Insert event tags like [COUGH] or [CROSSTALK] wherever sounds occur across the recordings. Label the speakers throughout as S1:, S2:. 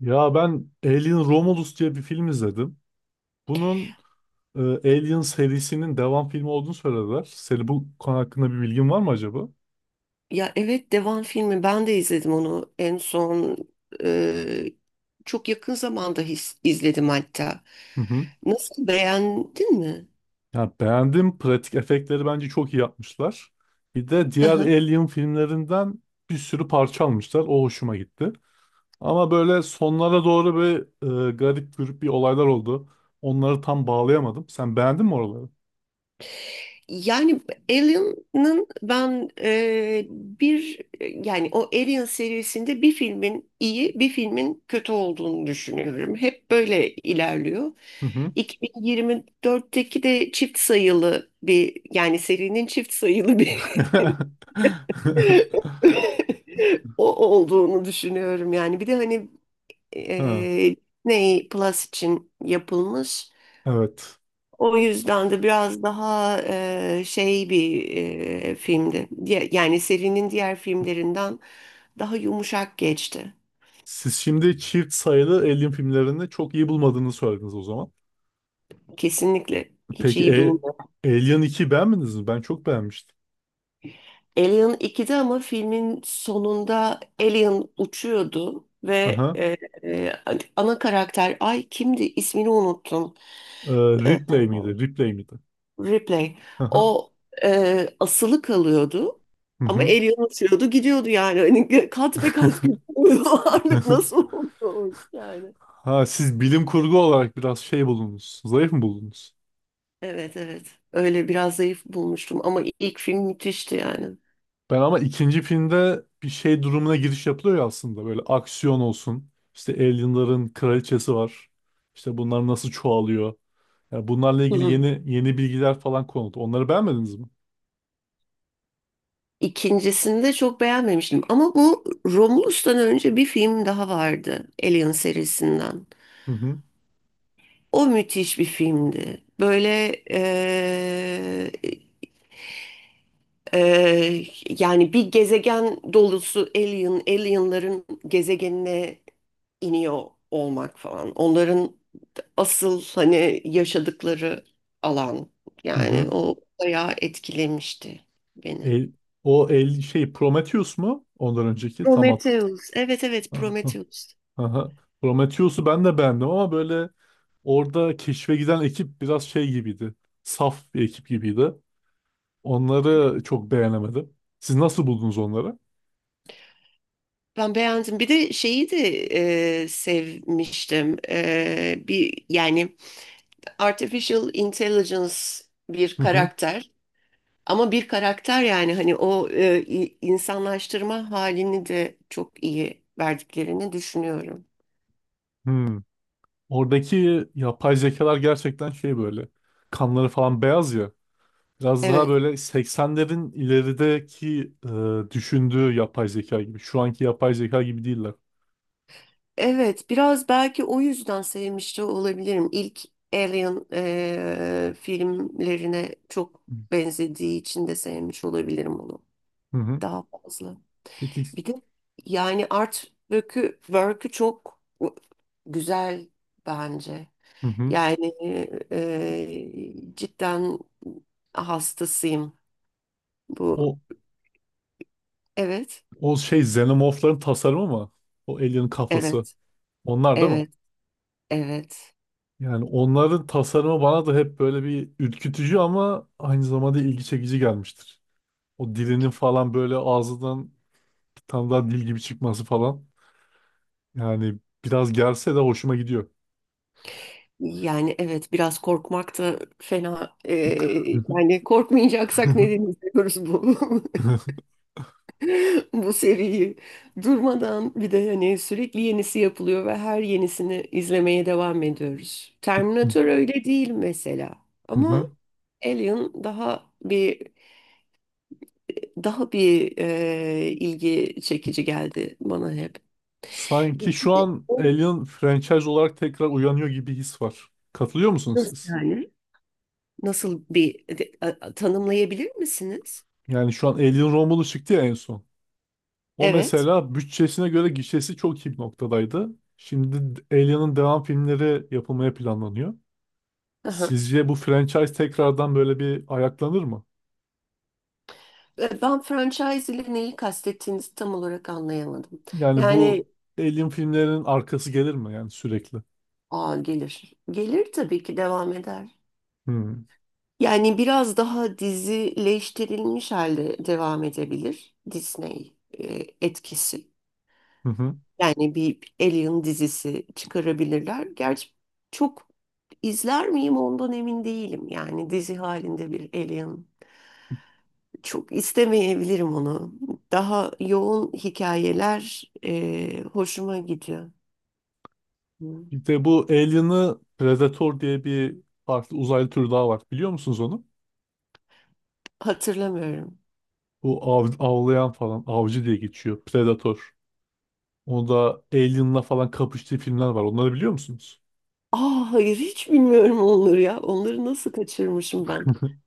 S1: Ya ben Alien Romulus diye bir film izledim. Bunun Alien serisinin devam filmi olduğunu söylediler. Seni bu konu hakkında bir bilgin var mı acaba?
S2: Ya evet, Devan filmi ben de izledim onu en son, e, çok yakın zamanda izledim hatta.
S1: Hı hı.
S2: Nasıl, beğendin mi?
S1: Ya beğendim. Pratik efektleri bence çok iyi yapmışlar. Bir de
S2: Hı
S1: diğer
S2: hı.
S1: Alien filmlerinden bir sürü parça almışlar. O hoşuma gitti. Ama böyle sonlara doğru bir garip grup bir olaylar oldu. Onları tam bağlayamadım. Sen beğendin mi oraları?
S2: Yani Alien'ın ben e, bir yani o Alien serisinde bir filmin iyi, bir filmin kötü olduğunu düşünüyorum. Hep böyle ilerliyor.
S1: Hı hı.
S2: 2024'teki de çift sayılı bir, yani serinin çift sayılı bir [LAUGHS] [LAUGHS] o olduğunu düşünüyorum yani. Bir de hani,
S1: [LAUGHS] Ha,
S2: e, Disney Plus için yapılmış.
S1: evet.
S2: O yüzden de biraz daha şey bir filmdi. Yani serinin diğer filmlerinden daha yumuşak geçti.
S1: Siz şimdi çift sayılı Alien filmlerini çok iyi bulmadığını söylediniz o zaman.
S2: Kesinlikle hiç
S1: Peki
S2: iyi bulmuyorum.
S1: Alien 2 beğenmediniz mi? Ben çok beğenmiştim.
S2: Alien ikide ama filmin sonunda Alien uçuyordu ve
S1: Aha.
S2: e, ana karakter, ay kimdi, ismini unuttum.
S1: Ee,
S2: E,
S1: Ripley miydi? Ripley miydi?
S2: Replay.
S1: Aha.
S2: O asılı kalıyordu
S1: Hı
S2: ama
S1: hı.
S2: el yanaşıyordu gidiyordu yani. Hani kat be kat gidiyordu. [LAUGHS] Ağırlık
S1: [LAUGHS]
S2: nasıl oluyormuş yani.
S1: Ha, siz bilim kurgu olarak biraz şey buldunuz. Zayıf mı buldunuz?
S2: Evet, evet. Öyle biraz zayıf bulmuştum ama ilk film müthişti yani.
S1: Ben ama ikinci filmde bir şey durumuna giriş yapılıyor ya aslında. Böyle aksiyon olsun. İşte alienların kraliçesi var. İşte bunlar nasıl çoğalıyor. Yani bunlarla
S2: Hı
S1: ilgili
S2: hı.
S1: yeni yeni bilgiler falan konuldu. Onları beğenmediniz mi?
S2: İkincisini de çok beğenmemiştim. Ama bu Romulus'tan önce bir film daha vardı. Alien serisinden.
S1: Hı hı.
S2: O müthiş bir filmdi. Böyle Ee, yani bir gezegen dolusu alien, alienların gezegenine iniyor olmak falan. Onların asıl hani yaşadıkları alan.
S1: Hı
S2: Yani
S1: hı.
S2: o bayağı etkilemişti beni.
S1: El, el şey Prometheus mu? Ondan önceki tam at.
S2: Prometheus. Evet, evet,
S1: Ha, ha,
S2: Prometheus.
S1: ha, ha. Prometheus'u ben de beğendim ama böyle orada keşfe giden ekip biraz şey gibiydi. Saf bir ekip gibiydi. Onları çok beğenemedim. Siz nasıl buldunuz onları?
S2: Ben beğendim. Bir de şeyi de sevmiştim. Bir, yani artificial intelligence bir
S1: Hı hı.
S2: karakter. Ama bir karakter, yani hani o insanlaştırma halini de çok iyi verdiklerini düşünüyorum.
S1: Hmm. Oradaki yapay zekalar gerçekten şey böyle. Kanları falan beyaz ya. Biraz daha
S2: Evet,
S1: böyle 80'lerin ilerideki düşündüğü yapay zeka gibi. Şu anki yapay zeka gibi değiller.
S2: evet, biraz belki o yüzden sevmiş de olabilirim. İlk Alien filmlerine çok benzediği için de sevmiş olabilirim onu
S1: Hı hı.
S2: daha fazla.
S1: Peki.
S2: Bir de yani art work'ü çok güzel bence.
S1: Hı hı.
S2: Yani, cidden hastasıyım. Bu.
S1: O
S2: Evet,
S1: o şey Xenomorph'ların tasarımı mı? O alien kafası.
S2: evet,
S1: Onlar değil mi?
S2: evet, evet.
S1: Yani onların tasarımı bana da hep böyle bir ürkütücü ama aynı zamanda ilgi çekici gelmiştir. O dilinin falan böyle ağzından bir tane daha dil gibi çıkması falan. Yani biraz gelse de hoşuma gidiyor.
S2: Yani evet, biraz korkmak da fena. Yani
S1: [LAUGHS]
S2: korkmayacaksak neden izliyoruz bu [LAUGHS] bu seriyi durmadan. Bir de hani sürekli yenisi yapılıyor ve her yenisini izlemeye devam ediyoruz. Terminator öyle değil mesela
S1: Hı
S2: ama
S1: hı.
S2: Alien daha bir ilgi çekici geldi bana hep.
S1: Sanki
S2: Bir
S1: şu
S2: de
S1: an
S2: o.
S1: Alien franchise olarak tekrar uyanıyor gibi his var. Katılıyor musunuz
S2: Nasıl
S1: siz?
S2: yani? Nasıl tanımlayabilir misiniz?
S1: Yani şu an Alien Romulus çıktı ya en son. O
S2: Evet.
S1: mesela bütçesine göre gişesi çok iyi bir noktadaydı. Şimdi Alien'ın devam filmleri yapılmaya planlanıyor.
S2: Aha.
S1: Sizce bu franchise tekrardan böyle bir ayaklanır mı?
S2: Ben franchise ile neyi kastettiğinizi tam olarak anlayamadım.
S1: Yani
S2: Yani,
S1: bu Alien filmlerinin arkası gelir mi yani sürekli?
S2: gelir. Gelir tabii ki, devam eder.
S1: Hmm.
S2: Yani biraz daha dizileştirilmiş halde devam edebilir, Disney etkisi.
S1: Hı hı.
S2: Yani bir Alien dizisi çıkarabilirler. Gerçi çok izler miyim ondan emin değilim. Yani dizi halinde bir Alien, çok istemeyebilirim onu. Daha yoğun hikayeler hoşuma gidiyor. Hı.
S1: Bir de bu Alien'ı Predator diye bir farklı uzaylı türü daha var. Biliyor musunuz onu?
S2: Hatırlamıyorum.
S1: Bu av, avlayan falan avcı diye geçiyor. Predator. Onu da Alien'la falan kapıştığı filmler var. Onları biliyor musunuz?
S2: Aa, hayır, hiç bilmiyorum onları ya. Onları nasıl kaçırmışım ben?
S1: [LAUGHS]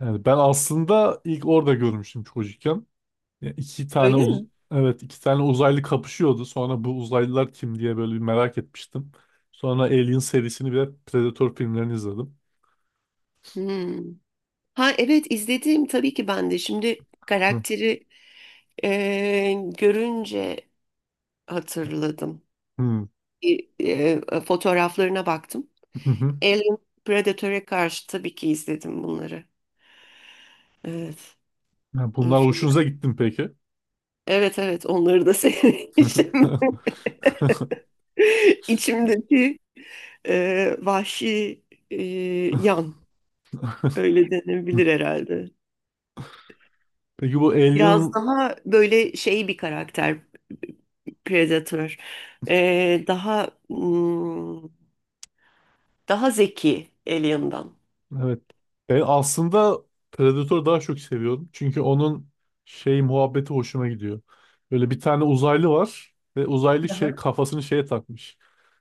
S1: Yani ben aslında ilk orada görmüştüm çocukken. Ya
S2: Öyle mi?
S1: evet iki tane uzaylı kapışıyordu. Sonra bu uzaylılar kim diye böyle bir merak etmiştim. Sonra Alien serisini ve Predator filmlerini izledim.
S2: Hmm. Ha evet, izlediğim tabii ki ben de. Şimdi
S1: Hı.
S2: karakteri e, görünce hatırladım.
S1: Hı.
S2: Bir, fotoğraflarına baktım.
S1: [LAUGHS]
S2: Alien Predator'e karşı tabii ki izledim bunları. Evet.
S1: Ya
S2: iyi
S1: bunlar
S2: film.
S1: hoşunuza gittin peki?
S2: Evet, evet, onları da sevmişim.
S1: [LAUGHS]
S2: [LAUGHS] İçimdeki vahşi e, yan, öyle denebilir herhalde.
S1: Peki bu
S2: Biraz
S1: Alien
S2: daha böyle şey bir karakter, Predator. Daha daha zeki Alien'dan.
S1: evet. Ben aslında Predator'u daha çok seviyorum. Çünkü onun şey muhabbeti hoşuma gidiyor. Böyle bir tane uzaylı var ve uzaylı şey
S2: Aha.
S1: kafasını şeye takmış.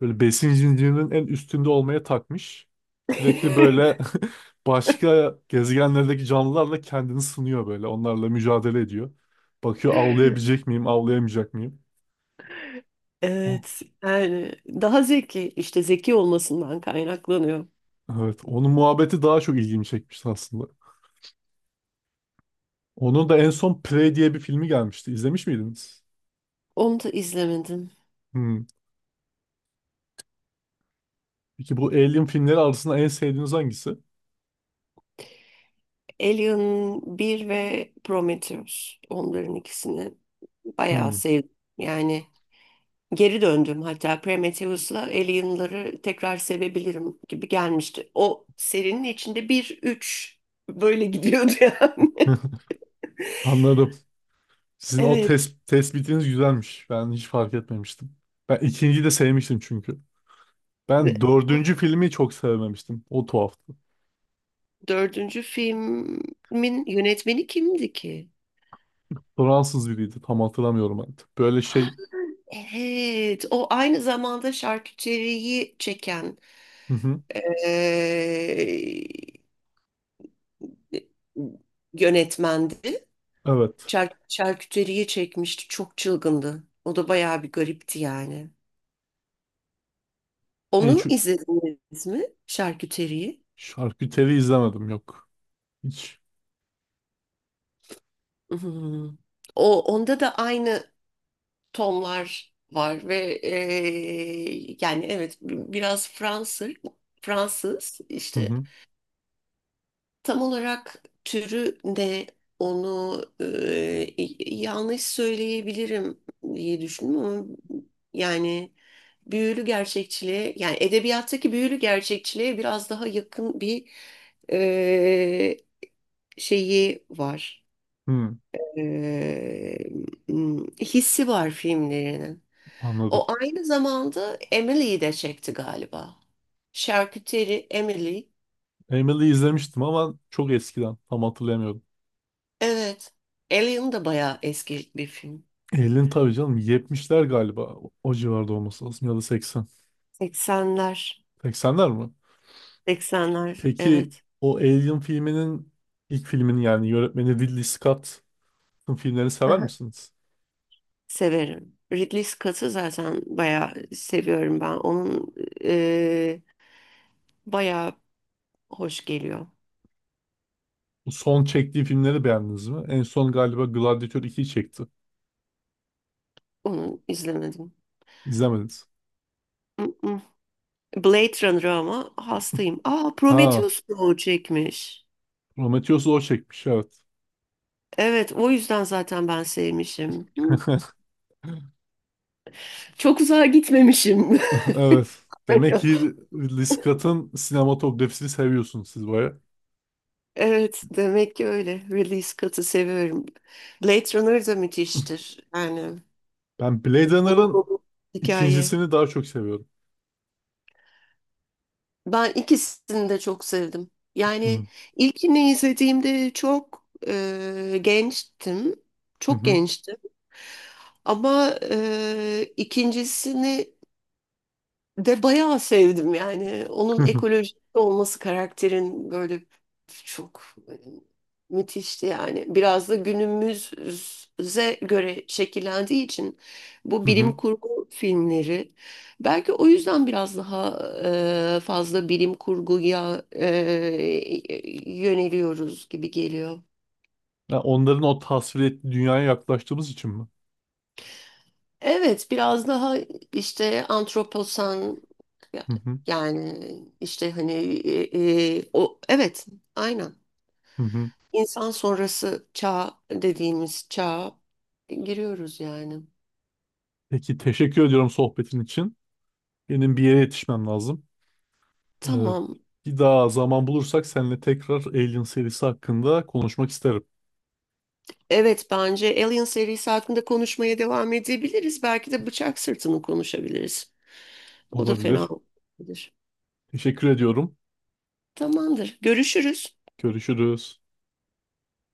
S1: Böyle besin zincirinin en üstünde olmaya takmış. Sürekli böyle
S2: [LAUGHS]
S1: [LAUGHS] başka gezegenlerdeki canlılarla kendini sınıyor böyle. Onlarla mücadele ediyor. Bakıyor avlayabilecek miyim, avlayamayacak mıyım? O-
S2: Evet yani daha zeki, işte zeki olmasından kaynaklanıyor.
S1: Evet, onun muhabbeti daha çok ilgimi çekmişti aslında. Onun da en son Prey diye bir filmi gelmişti. İzlemiş miydiniz?
S2: Onu da izlemedim.
S1: Hmm. Peki bu Alien filmleri arasında en sevdiğiniz hangisi?
S2: Alien bir ve Prometheus. Onların ikisini bayağı
S1: Hmm.
S2: sevdim. Yani geri döndüm hatta, Prometheus'la Alien'ları tekrar sevebilirim gibi gelmişti. O serinin içinde bir üç böyle gidiyordu yani. [LAUGHS]
S1: [LAUGHS] Anladım. Sizin o
S2: Evet.
S1: tes tespitiniz güzelmiş. Ben hiç fark etmemiştim. Ben ikinciyi de sevmiştim çünkü. Ben dördüncü filmi çok sevmemiştim. O tuhaftı.
S2: Dördüncü filmin yönetmeni kimdi ki? [GASPS]
S1: Fransız biriydi. Tam hatırlamıyorum artık. Böyle
S2: Ha,
S1: şey...
S2: evet, o aynı zamanda şarküteriyi çeken,
S1: Hı hı.
S2: eee, yönetmendi.
S1: Evet.
S2: Şarküteriyi çekmişti. Çok çılgındı. O da bayağı bir garipti yani.
S1: En
S2: Onu
S1: şu
S2: izlediniz mi? Şarküteriyi.
S1: şarküteri izlemedim. Yok. Hiç.
S2: Hmm. Onda da aynı tonlar var ve yani evet, biraz Fransız, Fransız
S1: Hı
S2: işte.
S1: hı.
S2: Tam olarak türü ne, onu yanlış söyleyebilirim diye düşündüm ama yani büyülü gerçekçiliğe, yani edebiyattaki büyülü gerçekçiliğe biraz daha yakın bir e, şeyi var.
S1: Hı.
S2: E, Hissi var filmlerinin.
S1: Anladım.
S2: O aynı zamanda Emily'yi de çekti galiba. Şarküteri Emily.
S1: Emily'yi izlemiştim ama çok eskiden. Tam hatırlayamıyorum.
S2: Evet. Alien da bayağı eski bir film.
S1: Elin tabii canım. 70'ler galiba. O civarda olması lazım. Ya da 80.
S2: 80'ler.
S1: 80'ler mi?
S2: 80'ler,
S1: Peki
S2: evet.
S1: o Alien filminin ilk filminin yani yönetmeni Ridley Scott'ın filmlerini
S2: Hı
S1: sever
S2: hı.
S1: misiniz?
S2: Severim. Ridley Scott'ı zaten bayağı seviyorum ben. Onun eee bayağı hoş geliyor.
S1: Bu son çektiği filmleri beğendiniz mi? En son galiba Gladiator ikiyi çekti.
S2: Onu izlemedim.
S1: İzlemediniz.
S2: Mm-mm. Blade Runner ama hastayım. Aa,
S1: Ha,
S2: Prometheus da o çekmiş.
S1: Prometheus'u o çekmiş evet.
S2: Evet, o yüzden zaten ben sevmişim. Hı.
S1: [LAUGHS]
S2: Çok uzağa gitmemişim.
S1: Evet. Demek ki
S2: [LAUGHS]
S1: Ridley Scott'ın sinematografisini seviyorsunuz siz baya.
S2: Evet demek ki öyle. Ridley Scott'ı seviyorum. Blade Runner da müthiştir. Yani
S1: Ben Blade
S2: dolu
S1: Runner'ın
S2: dolu hikaye.
S1: ikincisini daha çok seviyorum.
S2: Ben ikisini de çok sevdim.
S1: Hı
S2: Yani ilkini izlediğimde çok gençtim.
S1: hı
S2: Çok
S1: hı
S2: gençtim. Ama ikincisini. Ve bayağı sevdim yani. Onun
S1: [LAUGHS]
S2: ekolojik olması, karakterin böyle çok e, müthişti yani. Biraz da günümüze göre şekillendiği için bu
S1: hı.
S2: bilim
S1: Hı.
S2: kurgu filmleri, belki o yüzden biraz daha fazla bilim kurguya yöneliyoruz gibi geliyor.
S1: Ya onların o tasvir ettiği dünyaya yaklaştığımız için mi?
S2: Evet, biraz daha işte antroposan, ya-
S1: Hı hı
S2: yani işte hani o, evet, aynen,
S1: hı hı.
S2: insan sonrası çağ dediğimiz çağa giriyoruz yani.
S1: Peki teşekkür ediyorum sohbetin için. Benim bir yere yetişmem lazım. Ee,
S2: Tamam.
S1: bir daha zaman bulursak seninle tekrar Alien serisi hakkında konuşmak isterim.
S2: Evet, bence Alien serisi hakkında konuşmaya devam edebiliriz. Belki de Bıçak Sırtı'nı konuşabiliriz. O da fena
S1: Olabilir.
S2: olabilir.
S1: Teşekkür ediyorum.
S2: Tamamdır. Görüşürüz.
S1: Görüşürüz.